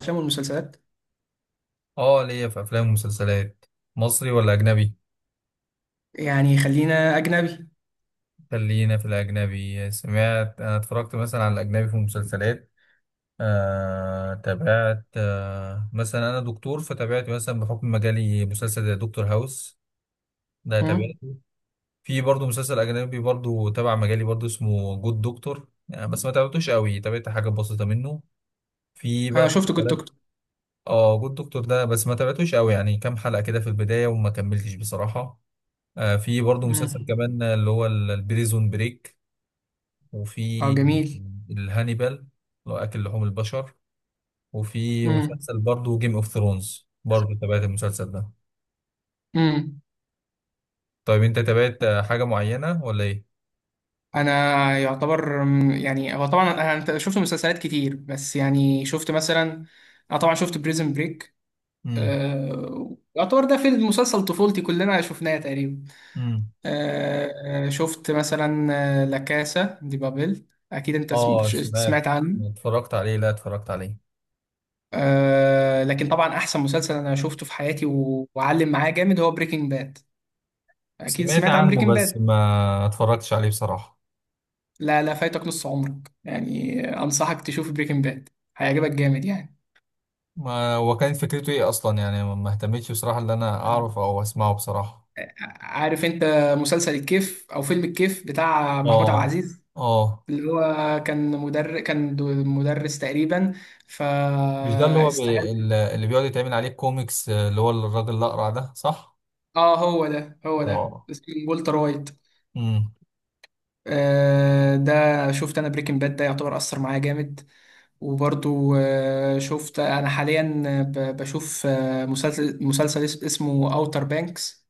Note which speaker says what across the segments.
Speaker 1: الافلام والمسلسلات،
Speaker 2: اه، ليا في افلام ومسلسلات. مصري ولا اجنبي؟
Speaker 1: يعني خلينا اجنبي.
Speaker 2: خلينا في الاجنبي. سمعت، انا اتفرجت مثلا على الاجنبي في مسلسلات. تابعت، مثلا انا دكتور، فتابعت مثلا بحكم مجالي مسلسل زي دكتور هاوس. ده
Speaker 1: مم.
Speaker 2: تابعته. في برضه مسلسل اجنبي برضه تبع مجالي، برضه اسمه جود دكتور يعني، بس ما تابعتوش قوي، تابعت حاجه بسيطه منه. في
Speaker 1: انا
Speaker 2: بقى
Speaker 1: شفت جود
Speaker 2: مسلسلات.
Speaker 1: دكتور.
Speaker 2: اه، جود دكتور ده بس ما تابعتوش قوي يعني، كام حلقه كده في البدايه وما كملتش بصراحه. في برضه مسلسل
Speaker 1: مم.
Speaker 2: كمان اللي هو البريزون بريك. وفي
Speaker 1: اه، جميل.
Speaker 2: الهانيبال اللي هو أكل لحوم البشر. وفي
Speaker 1: مم.
Speaker 2: مسلسل برضه جيم اوف ثرونز، برضه تابعت المسلسل ده.
Speaker 1: مم.
Speaker 2: طيب، انت تابعت حاجة معينة ولا ايه؟
Speaker 1: انا يعتبر، يعني هو طبعا انا، أنت شفت مسلسلات كتير، بس يعني شفت مثلا انا طبعا شفت بريزن بريك.
Speaker 2: امم.
Speaker 1: يعتبر ده فيلم مسلسل طفولتي، كلنا شفناه تقريبا.
Speaker 2: امم.
Speaker 1: شفت مثلا لا كاسا دي بابل، اكيد انت
Speaker 2: اه، سمعت.
Speaker 1: سمعت عنه.
Speaker 2: اتفرجت عليه، لا اتفرجت عليه.
Speaker 1: لكن طبعا احسن مسلسل انا شفته في حياتي و- وعلم معايا جامد هو بريكنج باد، اكيد
Speaker 2: سمعت
Speaker 1: سمعت عن
Speaker 2: عنه
Speaker 1: بريكنج
Speaker 2: بس
Speaker 1: باد.
Speaker 2: ما اتفرجتش عليه بصراحة.
Speaker 1: لا، لا، فايتك نص عمرك، يعني انصحك تشوف بريكنج باد، هيعجبك جامد يعني.
Speaker 2: ما هو كانت فكرته ايه اصلا يعني، ما اهتمتش بصراحة ان انا اعرف او اسمعه بصراحة.
Speaker 1: عارف انت مسلسل الكيف او فيلم الكيف بتاع محمود عبد
Speaker 2: اه.
Speaker 1: العزيز،
Speaker 2: اه.
Speaker 1: اللي هو كان مدرس، مدرس تقريبا،
Speaker 2: مش ده اللي هو
Speaker 1: فاستغل.
Speaker 2: اللي بيقعد يتعمل عليه كوميكس، اللي هو الراجل الأقرع ده، صح؟
Speaker 1: اه، هو ده، هو ده
Speaker 2: اه.
Speaker 1: اسمه والتر وايت.
Speaker 2: امم.
Speaker 1: ده شفت انا بريكنج باد، ده يعتبر اثر معايا جامد. وبرضو شفت انا حاليا، بشوف مسلسل اسمه اوتر بانكس،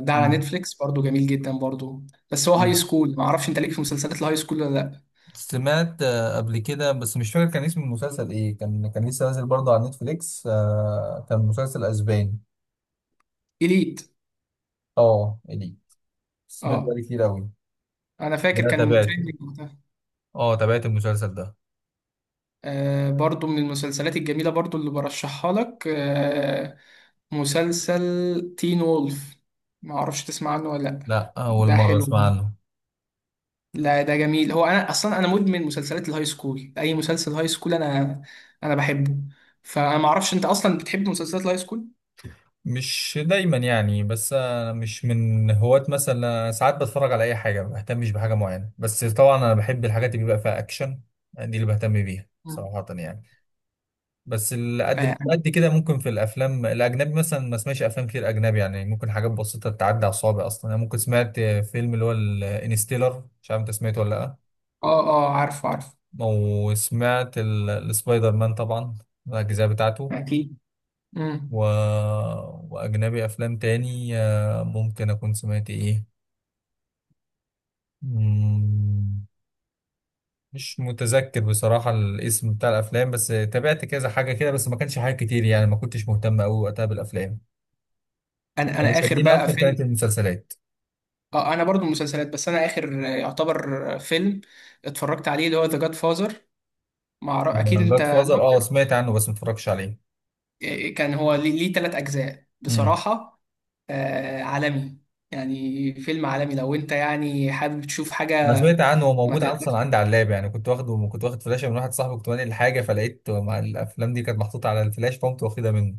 Speaker 1: ده على
Speaker 2: امم.
Speaker 1: نتفليكس برضو، جميل جدا برضو. بس هو هاي
Speaker 2: أمم.
Speaker 1: سكول، ما اعرفش انت ليك في مسلسلات الهاي سكول ولا لا.
Speaker 2: سمعت قبل كده، بس مش فاكر كان اسم المسلسل ايه. كان لسه نازل برضه على نتفليكس، كان مسلسل اسباني.
Speaker 1: اليت.
Speaker 2: اه، إلي، سمعت
Speaker 1: اه،
Speaker 2: عليه كتير قوي.
Speaker 1: انا
Speaker 2: ده
Speaker 1: فاكر كان
Speaker 2: تابعته.
Speaker 1: تريندينج وقتها.
Speaker 2: اه، تابعت المسلسل ده.
Speaker 1: برضو من المسلسلات الجميلة برضو اللي برشحها لك، مسلسل تين وولف، ما اعرفش تسمع عنه ولا لا.
Speaker 2: لا، اول
Speaker 1: ده
Speaker 2: مرة
Speaker 1: حلو،
Speaker 2: اسمع عنه.
Speaker 1: لا ده جميل، هو انا اصلا انا مدمن مسلسلات الهاي سكول، اي مسلسل هاي سكول انا بحبه. فانا ما اعرفش انت اصلا بتحب مسلسلات الهاي سكول.
Speaker 2: مش دايما يعني، بس انا مش من هواة مثلا، أنا ساعات بتفرج على اي حاجه ما بهتمش بحاجه معينه، بس طبعا انا بحب الحاجات اللي بيبقى فيها اكشن، دي اللي بهتم بيها
Speaker 1: مم.
Speaker 2: صراحه يعني. بس اللي
Speaker 1: اه،
Speaker 2: قد مش
Speaker 1: يعني
Speaker 2: قد كده، ممكن في الافلام الاجنبي مثلا ما اسمعش افلام كتير اجنبي يعني، ممكن حاجات بسيطه تعدي على الصوابع اصلا. انا ممكن سمعت فيلم اللي هو الانستيلر، مش عارف انت سمعته ولا لا.
Speaker 1: اه، عارفه عارفه.
Speaker 2: وسمعت السبايدر مان طبعا، الاجزاء بتاعته.
Speaker 1: اكيد.
Speaker 2: و...
Speaker 1: مم.
Speaker 2: وأجنبي أفلام تاني، ممكن أكون سمعت إيه مم، مش متذكر بصراحة الاسم بتاع الأفلام، بس تابعت كذا حاجة كده، بس ما كانش حاجة كتير يعني، ما كنتش مهتم أوي وقتها بالأفلام.
Speaker 1: انا
Speaker 2: اللي
Speaker 1: انا اخر
Speaker 2: شدني
Speaker 1: بقى
Speaker 2: أكتر
Speaker 1: فيلم.
Speaker 2: كانت المسلسلات.
Speaker 1: اه، انا برضو مسلسلات، بس انا اخر يعتبر فيلم اتفرجت عليه اللي هو ذا جاد فازر. مع اكيد انت
Speaker 2: جاد
Speaker 1: لا،
Speaker 2: فازر، أه سمعت عنه بس ما اتفرجتش عليه.
Speaker 1: كان هو ليه تلات اجزاء
Speaker 2: مم.
Speaker 1: بصراحة. آه، عالمي، يعني فيلم عالمي لو انت يعني حابب تشوف
Speaker 2: أنا
Speaker 1: حاجة.
Speaker 2: سمعت عنه، هو
Speaker 1: ما
Speaker 2: موجود
Speaker 1: ت...
Speaker 2: أصلا عندي على اللاب يعني، كنت واخد فلاشة من واحد صاحبي، كنت بنقل حاجة فلقيت مع الأفلام دي كانت محطوطة على الفلاش، فقمت واخدها منه.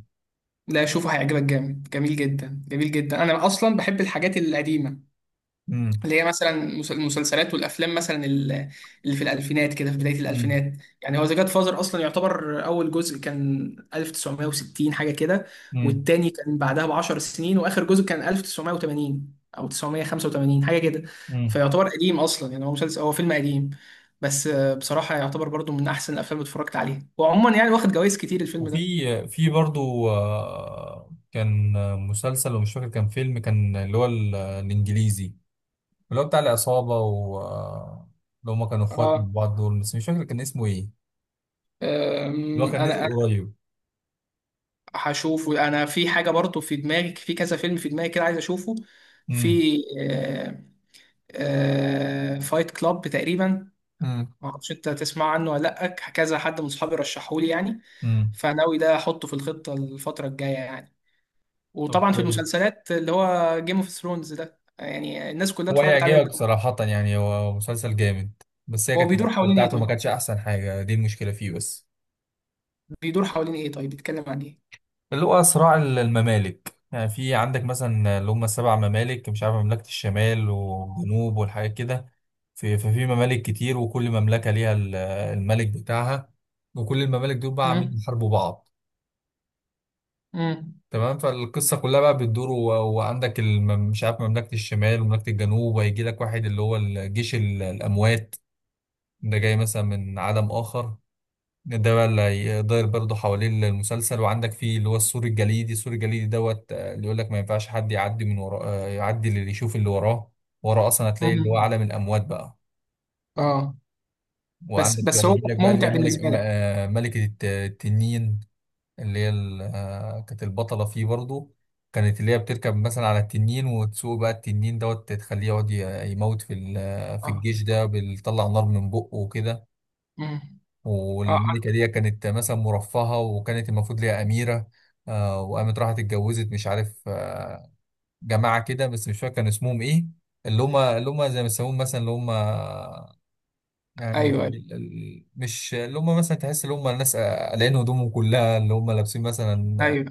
Speaker 1: لا، شوفه، هيعجبك جامد، جميل جدا جميل جدا. انا اصلا بحب الحاجات القديمه،
Speaker 2: مم.
Speaker 1: اللي هي مثلا المسلسلات والافلام، مثلا اللي في الالفينات كده، في بدايه
Speaker 2: مم.
Speaker 1: الالفينات. يعني هو ذا جاد فازر اصلا يعتبر اول جزء كان 1960 حاجه كده،
Speaker 2: مم.
Speaker 1: والتاني كان بعدها ب 10 سنين، واخر جزء كان 1980 او 985 حاجه كده،
Speaker 2: مم.
Speaker 1: فيعتبر قديم اصلا، يعني هو مسلسل، هو فيلم قديم، بس بصراحه يعتبر برضو من احسن الافلام اللي اتفرجت عليها، وعموما يعني واخد جوائز كتير الفيلم
Speaker 2: وفي
Speaker 1: ده.
Speaker 2: في برضو، كان مسلسل ومش فاكر كان فيلم، كان اللي هو الانجليزي، اللي هو بتاع العصابة، و آه، اللي هما كانوا اخوات من
Speaker 1: اه،
Speaker 2: بعض دول، بس مش فاكر كان اسمه ايه. اللي هو كان
Speaker 1: انا
Speaker 2: نزل قريب.
Speaker 1: هشوفه. انا في حاجه برضو في دماغي، في كذا فيلم في دماغي كده عايز اشوفه،
Speaker 2: امم.
Speaker 1: في فايت كلاب تقريبا،
Speaker 2: امم.
Speaker 1: ما اعرفش انت تسمع عنه ولا لا، كذا حد من اصحابي رشحهولي يعني،
Speaker 2: امم.
Speaker 1: فناوي ده احطه في الخطه الفتره الجايه يعني.
Speaker 2: طب
Speaker 1: وطبعا في
Speaker 2: كويس.
Speaker 1: المسلسلات اللي هو جيم اوف ثرونز ده، يعني الناس كلها
Speaker 2: هو
Speaker 1: اتفرجت عليه.
Speaker 2: هيعجبك صراحة يعني، هو مسلسل جامد، بس هي
Speaker 1: هو
Speaker 2: كانت
Speaker 1: بيدور
Speaker 2: الأكلة
Speaker 1: حوالين ايه
Speaker 2: بتاعته ما
Speaker 1: طيب؟
Speaker 2: كانتش أحسن حاجة، دي المشكلة فيه بس.
Speaker 1: بيدور حوالين ايه طيب؟ بيتكلم عن ايه؟
Speaker 2: اللي هو صراع الممالك يعني، في عندك مثلا اللي هم السبع ممالك، مش عارف مملكة الشمال والجنوب والحاجات كده. ففي ممالك كتير، وكل مملكة ليها الملك بتاعها، وكل الممالك دول بقى عاملين
Speaker 1: امم.
Speaker 2: يحاربوا بعض.
Speaker 1: امم.
Speaker 2: تمام، فالقصة كلها بقى بتدور وعندك مش عارف مملكة الشمال ومملكة الجنوب، وهيجي لك واحد اللي هو الجيش الأموات، ده جاي مثلا من عالم آخر. ده بقى اللي هيدار برضه حوالين المسلسل. وعندك فيه اللي هو السور الجليدي، السور الجليدي دوت، اللي يقول لك ما ينفعش حد يعدي من وراه، يعدي اللي يشوف اللي وراه. وراه اصلا هتلاقي اللي هو
Speaker 1: امم.
Speaker 2: عالم الاموات بقى.
Speaker 1: اه. بس
Speaker 2: وعندك بقى
Speaker 1: بس هو
Speaker 2: يجي لك بقى اللي هي
Speaker 1: ممتع بالنسبه لك؟
Speaker 2: ملكة التنين، اللي هي كانت البطلة فيه برضه. كانت اللي هي بتركب مثلا على التنين وتسوق بقى التنين دوت، تخليه يقعد يموت في ال- آه، في
Speaker 1: اه.
Speaker 2: الجيش ده، بيطلع نار من بقه وكده.
Speaker 1: امم. اه.
Speaker 2: والملكة دي كانت مثلا مرفهة، وكانت المفروض ليها أميرة، وقامت راحت اتجوزت، مش عارف، جماعة كده بس مش فاكر كان اسمهم إيه. اللي هم زي ما يسموهم مثلا، اللي هم يعني
Speaker 1: ايوه، ايوه،
Speaker 2: مش اللي هم، مثلا تحس اللي هم الناس قلعين هدومهم كلها، اللي هم لابسين مثلا،
Speaker 1: ايوه.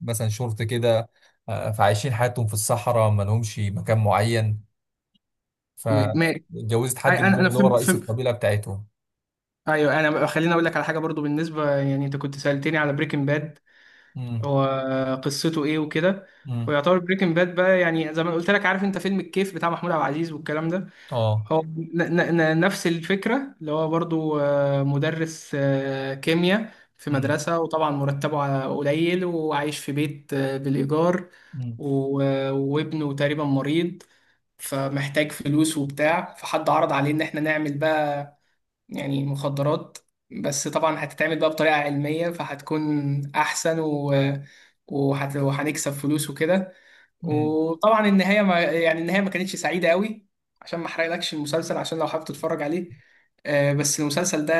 Speaker 2: مثلا شورت كده، فعايشين حياتهم في الصحراء ما لهمش مكان معين،
Speaker 1: ماشي.
Speaker 2: فاتجوزت حد
Speaker 1: انا
Speaker 2: منهم
Speaker 1: انا
Speaker 2: اللي هو
Speaker 1: فهمت
Speaker 2: رئيس
Speaker 1: فهمت.
Speaker 2: القبيلة بتاعتهم.
Speaker 1: ايوه، انا خليني اقول لك على حاجه برضو، بالنسبه يعني انت كنت سالتني على بريكنج باد،
Speaker 2: امم.
Speaker 1: هو قصته ايه وكده.
Speaker 2: امم.
Speaker 1: ويعتبر بريكنج باد بقى، يعني زي ما قلت لك، عارف انت فيلم الكيف بتاع محمود عبد العزيز والكلام ده،
Speaker 2: اه.
Speaker 1: هو نفس الفكرة، اللي هو برضو مدرس كيمياء في مدرسة، وطبعا مرتبه قليل، وعايش في بيت بالإيجار،
Speaker 2: امم.
Speaker 1: و- وابنه تقريبا مريض، فمحتاج فلوس وبتاع، فحد عرض عليه إن احنا نعمل يعني مخدرات، بس طبعا هتتعمل بقى بطريقة علمية فهتكون أحسن وهنكسب فلوس وكده. وطبعا النهاية ما... يعني النهاية ما كانتش سعيدة قوي، عشان ما أحرقلكش المسلسل، عشان لو حابب تتفرج عليه. بس المسلسل ده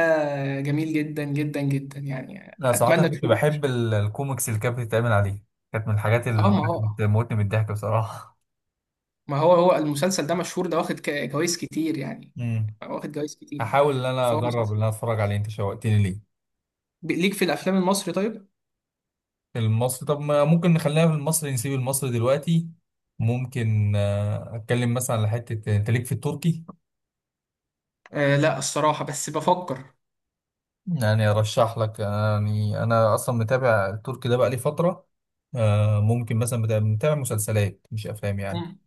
Speaker 1: جميل جدا جدا جدا، يعني
Speaker 2: لا صراحة أنا
Speaker 1: أتمنى
Speaker 2: كنت
Speaker 1: تشوف.
Speaker 2: بحب الكوميكس اللي كانت بتتعمل عليه، كانت من الحاجات
Speaker 1: اه،
Speaker 2: اللي
Speaker 1: ما
Speaker 2: كانت
Speaker 1: هو
Speaker 2: بتموتني من الضحك بصراحة.
Speaker 1: ما هو هو المسلسل ده مشهور، ده واخد جوايز كتير يعني،
Speaker 2: امم.
Speaker 1: واخد جوايز كتير،
Speaker 2: هحاول إن أنا
Speaker 1: فهو
Speaker 2: أجرب إن
Speaker 1: مسلسل.
Speaker 2: أنا أتفرج عليه، أنت شوقتني ليه.
Speaker 1: ليك في الأفلام المصري طيب؟
Speaker 2: المصري، طب ما ممكن نخلينا في المصري، نسيب المصري دلوقتي. ممكن أتكلم مثلا على حتة، أنت ليك في التركي؟
Speaker 1: آه لا، الصراحة بس بفكر.
Speaker 2: يعني أرشح لك يعني، أنا أصلا متابع التركي ده بقالي فترة. ممكن مثلا، متابع مسلسلات مش أفلام يعني.
Speaker 1: مم.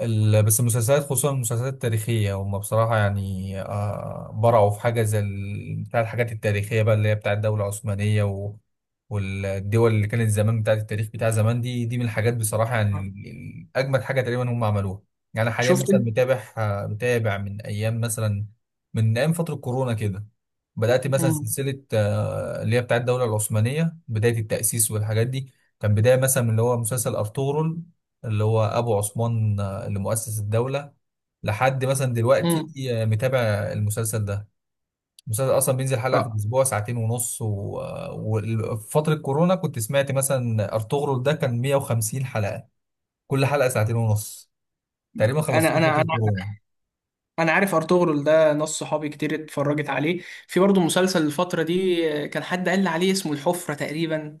Speaker 2: بس المسلسلات، خصوصا المسلسلات التاريخية، هم بصراحة يعني برعوا في حاجة زي بتاع الحاجات التاريخية بقى، اللي هي بتاع الدولة العثمانية والدول اللي كانت زمان، بتاعت التاريخ بتاع زمان دي من الحاجات بصراحة يعني،
Speaker 1: مم.
Speaker 2: أجمد حاجة تقريبا هم عملوها. يعني أنا حاليا
Speaker 1: شفت
Speaker 2: مثلا
Speaker 1: انت.
Speaker 2: متابع من أيام مثلا، من أيام فترة كورونا كده. بدأت مثلا
Speaker 1: مم.
Speaker 2: سلسلة، اللي هي بتاعت الدولة العثمانية، بداية التأسيس والحاجات دي. كان بداية مثلا من اللي هو مسلسل أرطغرل، اللي هو ابو عثمان، لمؤسس الدولة، لحد مثلا دلوقتي،
Speaker 1: مم.
Speaker 2: متابع المسلسل ده. المسلسل أصلا بينزل حلقة في
Speaker 1: اه،
Speaker 2: الأسبوع، ساعتين ونص، و- آه، وفي فترة كورونا كنت سمعت مثلا أرطغرل ده كان 150 حلقة، كل حلقة ساعتين ونص، تقريبا خلصته
Speaker 1: انا
Speaker 2: في
Speaker 1: انا انا
Speaker 2: فترة كورونا.
Speaker 1: انا عارف ارطغرل ده، ناس صحابي كتير اتفرجت عليه، في برضه مسلسل الفتره دي كان حد قال لي عليه اسمه الحفره تقريبا،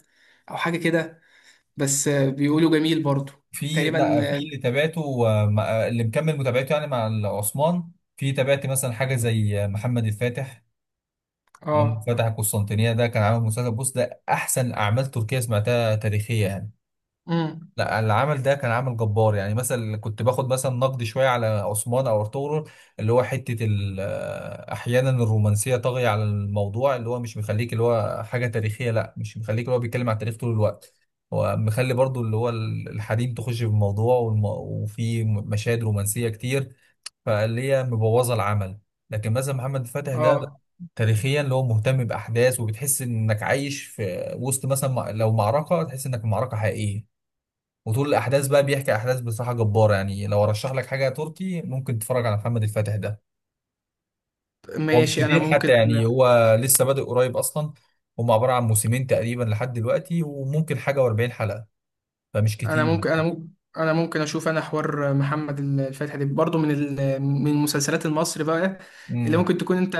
Speaker 1: او حاجه كده، بس بيقولوا جميل برضه.
Speaker 2: في، لا
Speaker 1: تقريبا
Speaker 2: في
Speaker 1: اه.
Speaker 2: اللي تابعته، اللي مكمل متابعته يعني مع عثمان. في تابعت مثلا حاجة زي محمد الفاتح، اللي هو
Speaker 1: اه.
Speaker 2: فتح القسطنطينية. ده كان عامل مسلسل، بص، ده أحسن أعمال تركية سمعتها تاريخية يعني.
Speaker 1: مم.
Speaker 2: لا، اللي عمل ده كان عامل جبار يعني. مثلا كنت باخد مثلا نقد شويه على عثمان او ارطغرل، اللي هو حته احيانا الرومانسيه طاغيه على الموضوع، اللي هو مش مخليك اللي هو حاجه تاريخيه، لا، مش مخليك اللي هو بيتكلم على التاريخ طول الوقت. هو مخلي برضو اللي هو الحريم تخش في الموضوع، وفي مشاهد رومانسيه كتير، فاللي هي مبوظه العمل. لكن مثلا محمد فتح ده، لا،
Speaker 1: اه،
Speaker 2: تاريخيا اللي هو مهتم باحداث، وبتحس انك عايش في وسط مثلا، لو معركه تحس انك في معركه حقيقيه. وطول الاحداث بقى بيحكي احداث بصراحه جباره يعني. لو ارشح لك حاجه تركي، ممكن تتفرج على محمد الفاتح ده. هو مش
Speaker 1: ماشي.
Speaker 2: كتير حتى يعني، هو لسه بادئ قريب اصلا، هم عباره عن موسمين تقريبا لحد دلوقتي، وممكن حاجه و40 حلقه، فمش
Speaker 1: انا
Speaker 2: كتير.
Speaker 1: ممكن انا ممكن انا ممكن اشوف انا حوار محمد الفاتح ده برضه. من من مسلسلات المصري بقى اللي
Speaker 2: امم.
Speaker 1: ممكن تكون انت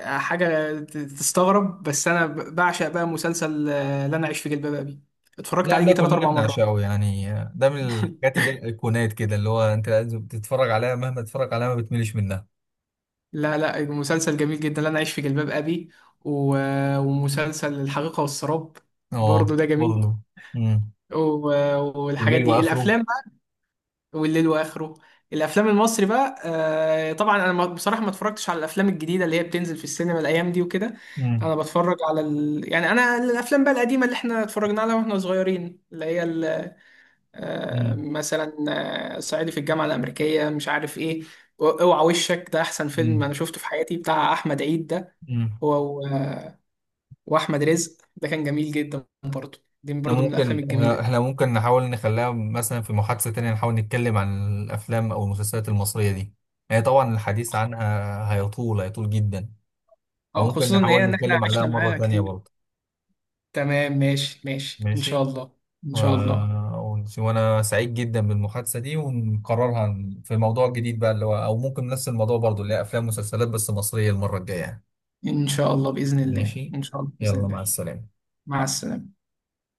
Speaker 1: حاجة تستغرب، بس أنا بعشق بقى مسلسل لا أنا أعيش في جلباب أبي، اتفرجت
Speaker 2: لا،
Speaker 1: عليه
Speaker 2: ده
Speaker 1: يجي تلات
Speaker 2: كلنا
Speaker 1: أربع مرات.
Speaker 2: بنعشقه يعني، ده من الحاجات اللي هي الايقونات كده، اللي هو انت لازم تتفرج عليها، مهما تتفرج عليها ما بتملش منها.
Speaker 1: لا، لا، مسلسل جميل جدا لا أنا أعيش في جلباب أبي، و- ومسلسل الحقيقة والسراب
Speaker 2: اه،
Speaker 1: برضه ده جميل،
Speaker 2: برضه. امم.
Speaker 1: و- والحاجات
Speaker 2: الليل
Speaker 1: دي
Speaker 2: واخره.
Speaker 1: الأفلام بقى، والليل وآخره. الأفلام المصري بقى، طبعا أنا بصراحة ما اتفرجتش على الأفلام الجديدة اللي هي بتنزل في السينما الأيام دي وكده.
Speaker 2: امم.
Speaker 1: أنا بتفرج على يعني أنا الأفلام بقى القديمة اللي إحنا اتفرجنا عليها وإحنا صغيرين،
Speaker 2: امم.
Speaker 1: مثلا صعيدي في الجامعه الامريكيه، مش عارف ايه، اوعى وشك، ده احسن فيلم انا شفته في حياتي بتاع احمد عيد ده،
Speaker 2: امم.
Speaker 1: هو و- واحمد رزق ده كان جميل جدا برضه، دي
Speaker 2: احنا
Speaker 1: برضه من الافلام
Speaker 2: ممكن احنا
Speaker 1: الجميله.
Speaker 2: إحنا ممكن نحاول نخليها مثلا في محادثة تانية، نحاول نتكلم عن الافلام او المسلسلات المصرية دي. هي طبعا الحديث عنها هيطول، هيطول جدا، فممكن
Speaker 1: خصوصا ان
Speaker 2: نحاول
Speaker 1: هي ان احنا
Speaker 2: نتكلم عليها
Speaker 1: عشنا
Speaker 2: مرة
Speaker 1: معاها
Speaker 2: تانية
Speaker 1: كتير.
Speaker 2: برضه.
Speaker 1: تمام، ماشي ماشي ان شاء
Speaker 2: ماشي.
Speaker 1: الله. ان
Speaker 2: و...
Speaker 1: شاء الله.
Speaker 2: وانا سعيد جدا بالمحادثة دي، ونقررها في موضوع جديد بقى، اللي هو او ممكن نفس الموضوع برضه، اللي هي افلام ومسلسلات بس مصرية المرة الجاية.
Speaker 1: ان شاء الله باذن الله،
Speaker 2: ماشي.
Speaker 1: ان شاء الله باذن
Speaker 2: يلا مع
Speaker 1: الله.
Speaker 2: السلامة.
Speaker 1: مع السلامه.